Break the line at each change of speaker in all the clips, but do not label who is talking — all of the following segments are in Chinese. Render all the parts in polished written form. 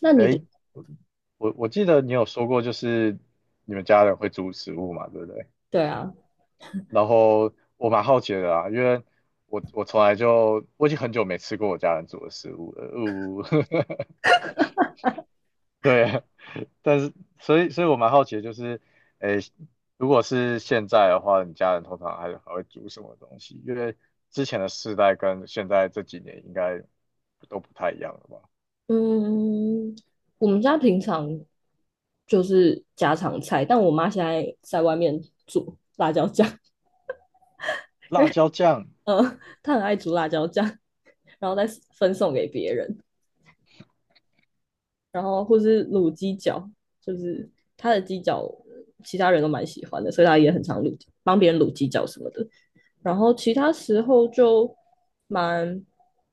那你的，
哎，我记得你有说过，就是你们家人会煮食物嘛，对不对？
对啊，
然后我蛮好奇的啊，因为我我从来就我已经很久没吃过我家人煮的食物了，呜、对啊，但是所以我蛮好奇的，就是诶，如果是现在的话，你家人通常还会煮什么东西？因为之前的世代跟现在这几年应该都不太一样了吧？
嗯，我们家平常就是家常菜，但我妈现在在外面煮辣椒酱，
辣椒酱
她很爱煮辣椒酱，然后再分送给别人，然后或是卤鸡脚，就是她的鸡脚，其他人都蛮喜欢的，所以她也很常卤，帮别人卤鸡脚什么的。然后其他时候就蛮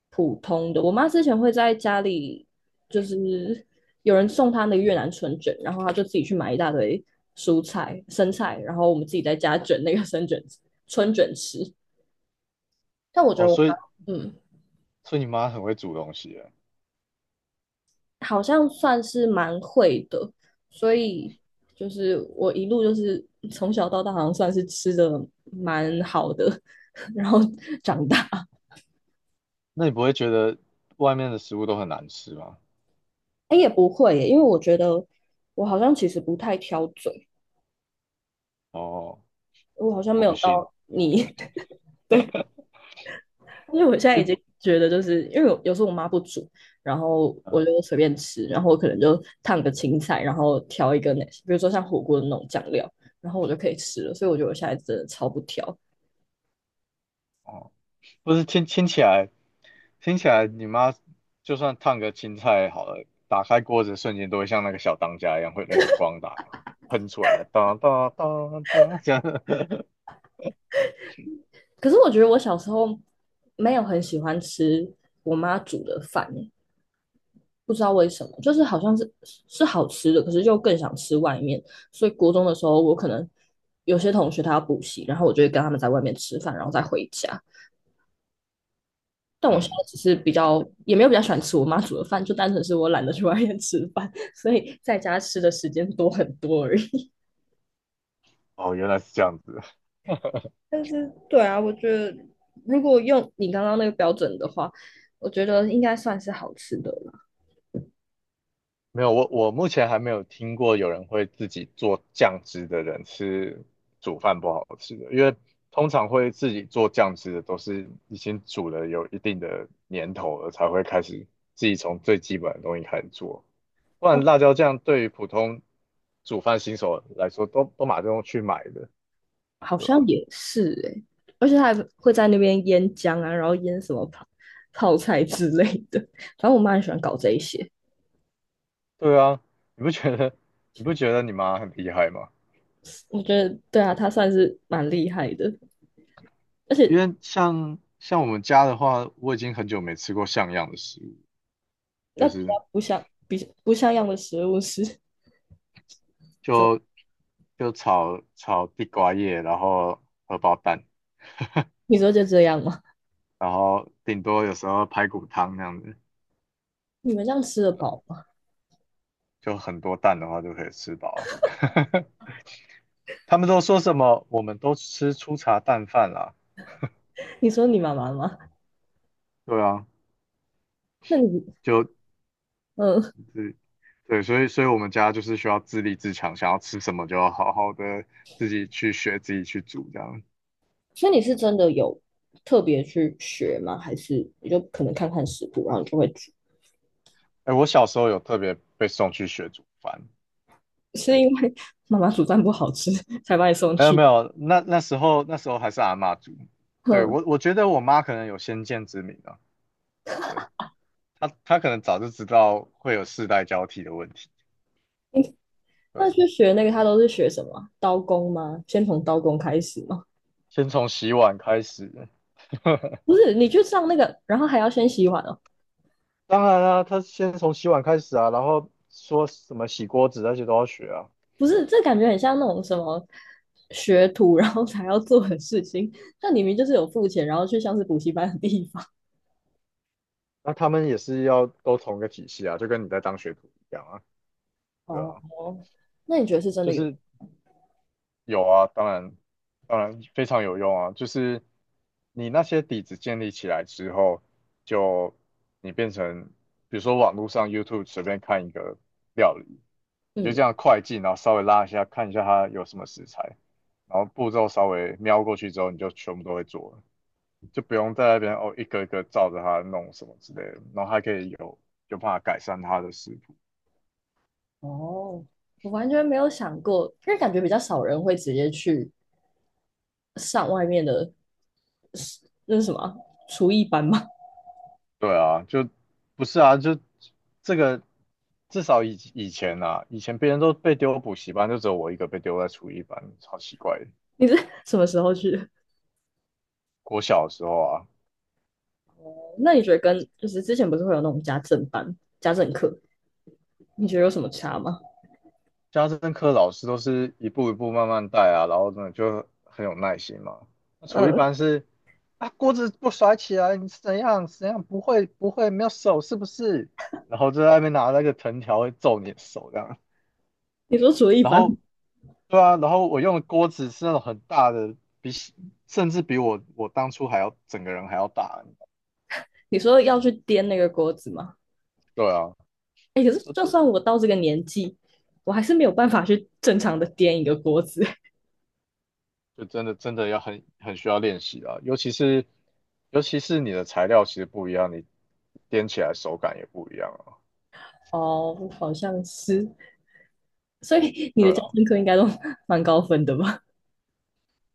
普通的。我妈之前会在家里，就是有人送她那个越南春卷，然后她就自己去买一大堆蔬菜、生菜，然后我们自己在家卷那个生卷春卷吃。但我觉
哦，
得我妈，
所以
嗯，
所以你妈很会煮东西耶
好像算是蛮会的，所以就是我一路就是从小到大，好像算是吃的蛮好的，然后长大。
那你不会觉得外面的食物都很难吃吗？
哎，也不会耶，因为我觉得我好像其实不太挑嘴，
哦，
我好像
我
没
不
有
信，
到你，因为我现在
一
已
嗯，
经觉得，就是因为有时候我妈不煮，然后我
呃
就随便吃，然后我可能就烫个青菜，然后调一个那，比如说像火锅的那种酱料，然后我就可以吃了。所以我觉得我现在真的超不挑。
哦，不是听起来，听起来你妈就算烫个青菜好了，打开锅子瞬间都会像那个小当家一样，会那个光打喷出来，当当当当这样。
可是我觉得我小时候没有很喜欢吃我妈煮的饭，不知道为什么，就是好像是好吃的，可是又更想吃外面。所以国中的时候，我可能有些同学他要补习，然后我就会跟他们在外面吃饭，然后再回家。但我现
嗯，
在只是比较也没有比较喜欢吃我妈煮的饭，就单纯是我懒得去外面吃饭，所以在家吃的时间多很多而已。
哦，原来是这样子。
但是对啊，我觉得如果用你刚刚那个标准的话，我觉得应该算是好吃的了。
没有，我目前还没有听过有人会自己做酱汁的人是煮饭不好吃的，因为通常会自己做酱汁的都是已经煮了有一定的年头了，才会开始自己从最基本的东西开始做。不然
哦，
辣椒酱对于普通煮饭新手来说，都马上去买的，
好
对
像
吧？
也是诶、而且他还会在那边腌姜啊，然后腌什么泡菜之类的。反正我妈很喜欢搞这一些，
对啊，你不觉得你不觉得你妈很厉害吗？
我觉得对啊，她算是蛮厉害的。而
因
且
为像我们家的话，我已经很久没吃过像样的食物，
那
就
比
是
较不像比不像样的食物是怎
就
么
就炒炒地瓜叶，然后荷包蛋，
你说就这样吗？
然后顶多有时候排骨汤那样子，
你们这样吃得饱吗？
就很多蛋的话就可以吃饱了。他们都说什么？我们都吃粗茶淡饭啦。
你说你妈妈吗？
对啊，
那你
就
嗯，
对对，所以我们家就是需要自立自强，想要吃什么就要好好的自己去学，自己去煮这样。
所以你是真的有特别去学吗？还是你就可能看看食谱，然后你就会煮？
哎，我小时候有特别被送去学煮饭。对。
是因为妈妈煮饭不好吃才把你送
没有
去？
没有，那时候还是阿嬷煮，对
哼。
我觉得我妈可能有先见之明啊，对她可能早就知道会有世代交替的问题，对，
那去学那个，他都是学什么？刀工吗？先从刀工开始吗？
先从洗碗开始，
不是，你去上那个，然后还要先洗碗哦。
当然啦、她先从洗碗开始啊，然后说什么洗锅子那些都要学啊。
不是，这感觉很像那种什么学徒，然后才要做的事情。那你明明就是有付钱，然后去像是补习班的地方。
那他们也是要都同一个体系啊，就跟你在当学徒一样啊，对
哦，
啊，
那你觉得是真
就
的有？
是有啊，当然，当然非常有用啊。就是你那些底子建立起来之后，就你变成，比如说网络上 YouTube 随便看一个料理，你就
嗯，
这样快进，然后稍微拉一下，看一下它有什么食材，然后步骤稍微瞄过去之后，你就全部都会做了，就不用在那边哦一个一个照着它弄什么之类的，然后还可以有办法改善它的食
哦，我完全没有想过，因为感觉比较少人会直接去上外面的，那是什么啊厨艺班吗？
对啊，就不是啊，就这个至少以前啊，以前别人都被丢补习班，就只有我一个被丢在厨艺班，超奇怪的。
你是什么时候去的？
国小的时候啊，
那你觉得跟就是之前不是会有那种家政班、家政课，你觉得有什么差吗？
家政课老师都是一步一步慢慢带啊，然后呢就很有耐心嘛。那厨艺
嗯，
班是啊，锅子不甩起来，你是怎样怎样不会不会没有手是不是？然后就在外面拿那个藤条会揍你的手这样。
你说厨艺
然
班，
后对啊，然后我用的锅子是那种很大的，比甚至比我当初还要整个人还要大。
你说要去颠那个锅子吗？
对啊，
哎，可是
这
就算我到这个年纪，我还是没有办法去正常的颠一个锅子。
就真的真的要很需要练习啊，尤其是你的材料其实不一样，你颠起来手感也不一样啊。
哦，好像是，所以你的
对
家
啊，
政课应该都蛮高分的吧？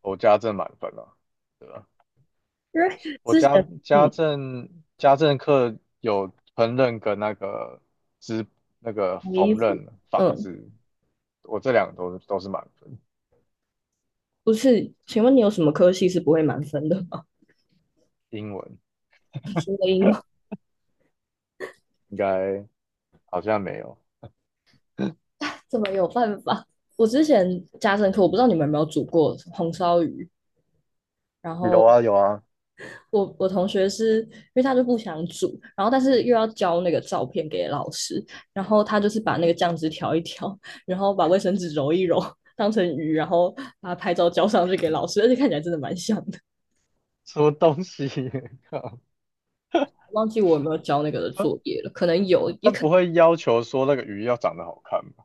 我家政满分啊，对啊，
因为
我
之
家
前，
家
嗯，
政家政课有烹饪跟那个织那个
洗衣
缝
服，
纫纺
嗯，
织，我这两个都是满分。
不是，请问你有什么科系是不会满分的吗？
英文
英
应该好像没有
怎么有办法？我之前家政课，我不知道你们有没有煮过红烧鱼。然
有
后
啊有啊，
我同学是因为他就不想煮，然后但是又要交那个照片给老师，然后他就是把那个酱汁调一调，然后把卫生纸揉一揉，当成鱼，然后把拍照交上去给老师，而且看起来真的蛮像的。
什么东西，靠，
忘记我有没有交那个的
他
作业了，可能有，也
他
可
不会要求说那个鱼要长得好看吧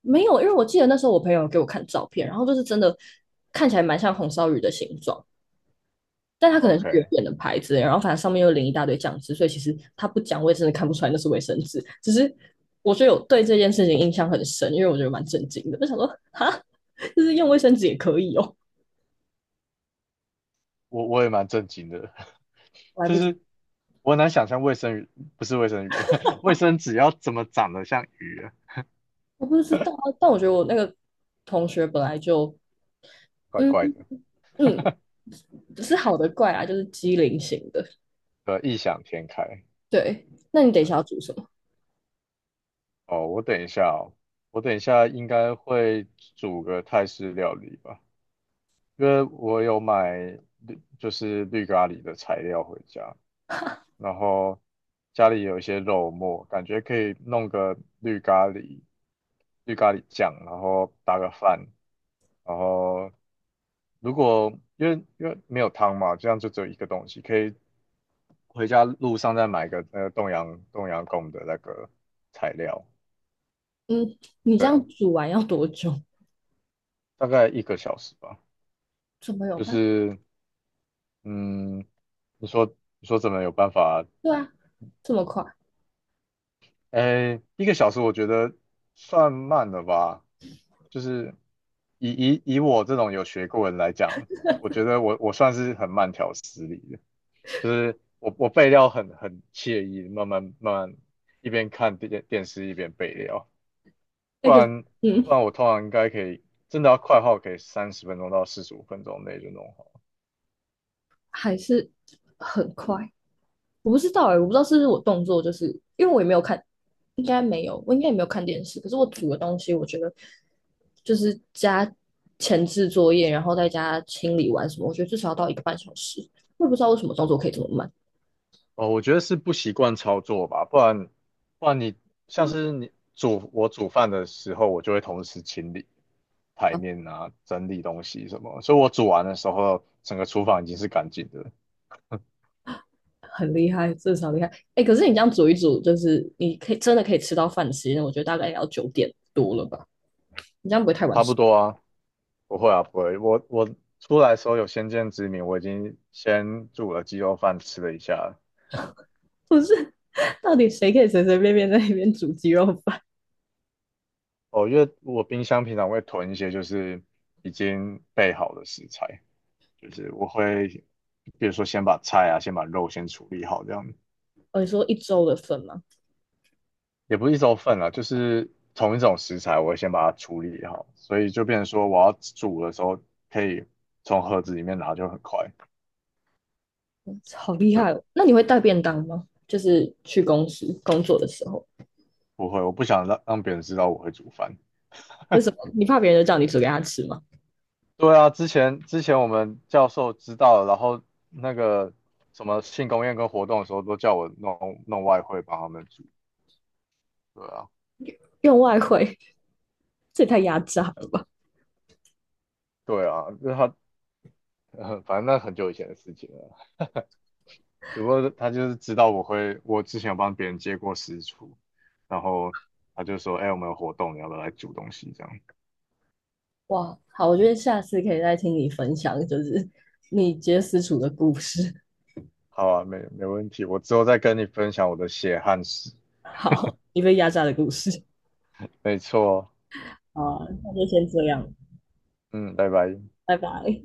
没有，因为我记得那时候我朋友给我看照片，然后就是真的看起来蛮像红烧鱼的形状，但它可能是远
？OK，
远的牌子，然后反正上面又淋一大堆酱汁，所以其实它不讲，我也真的看不出来那是卫生纸。只是我觉得有对这件事情印象很深，因为我觉得蛮震惊的，就想说哈，就是用卫生纸也可以哦，
我也蛮震惊的，
我还
就
不
是我很难想象卫生鱼不是卫生鱼，卫生纸要怎么长得像鱼啊
我不知道啊但我觉得我那个同学本来就
怪
嗯
怪的，
嗯，不是好的怪啊，就是机灵型的。
对啊，异想天开。
对，那你等一
对，
下要煮什么？
哦，我等一下哦，我等一下应该会煮个泰式料理吧，因为我有买绿就是绿咖喱的材料回家，然后家里有一些肉末，感觉可以弄个绿咖喱、绿咖喱酱，然后搭个饭，然后如果因为没有汤嘛，这样就只有一个东西，可以回家路上再买个那个冻阳贡的那个材料，
嗯，你这
对啊，
样煮完要多久？
大概一个小时吧，
怎么有
就
办？
是嗯，你说你说怎么有办法
对啊，这么快？
哎，一个小时我觉得算慢了吧，就是以我这种有学过的人来讲，我觉得我算是很慢条斯理的，就是我备料很惬意，慢慢慢慢一边看电视一边备料，不
那个
然不
嗯，
然我通常应该可以，真的要快的话，我可以30分钟到45分钟内就弄好。
还是很快。我不知道哎、欸我不知道是不是我动作，就是因为我也没有看，应该没有，我应该也没有看电视。可是我煮的东西，我觉得就是加前置作业，然后再加清理完什么，我觉得至少要到一个半小时。我也不知道为什么动作可以这么慢
哦，我觉得是不习惯操作吧，不然你像是我煮饭的时候，我就会同时清理台
啊，
面啊，整理东西什么，所以我煮完的时候，整个厨房已经是干净的，
很厉害，至少厉害。哎、欸可是你这样煮一煮，就是你可以真的可以吃到饭的时间，我觉得大概也要九点多了吧？你这样不会太晚
差
吃？
不多啊，不会啊，不会，我我出来的时候有先见之明，我已经先煮了鸡肉饭吃了一下了
不是，到底谁可以随随便便在那边煮鸡肉饭？
哦，因为我冰箱平常会囤一些就是已经备好的食材，就是我会比如说先把菜啊，先把肉先处理好这样。
哦，你说一周的份吗？
也不是一周份了，就是同一种食材，我会先把它处理好，所以就变成说我要煮的时候可以从盒子里面拿就很快。
好厉
对，
害哦！那你会带便当吗？就是去公司工作的时候，
不会，我不想让别人知道我会煮饭。
为什么你怕别人就叫你煮给他吃吗？
对啊，之前我们教授知道了然后那个什么庆功宴跟活动的时候都叫我弄弄外汇帮他们煮。对啊，
用外汇，这也太压榨了吧！
对啊，就是他，反正那很久以前的事情了。只不过他就是知道我会，我之前有帮别人接过私厨，然后他就说：“哎、我们有活动，你要不要来煮东西？”这样。
哇，好，我觉得下次可以再听你分享，就是你接私厨的故事。
好啊，没问题，我之后再跟你分享我的血汗史。
好，你被压榨的故事。
没错哦，
好啊那就先这样，
嗯，拜拜。
拜拜。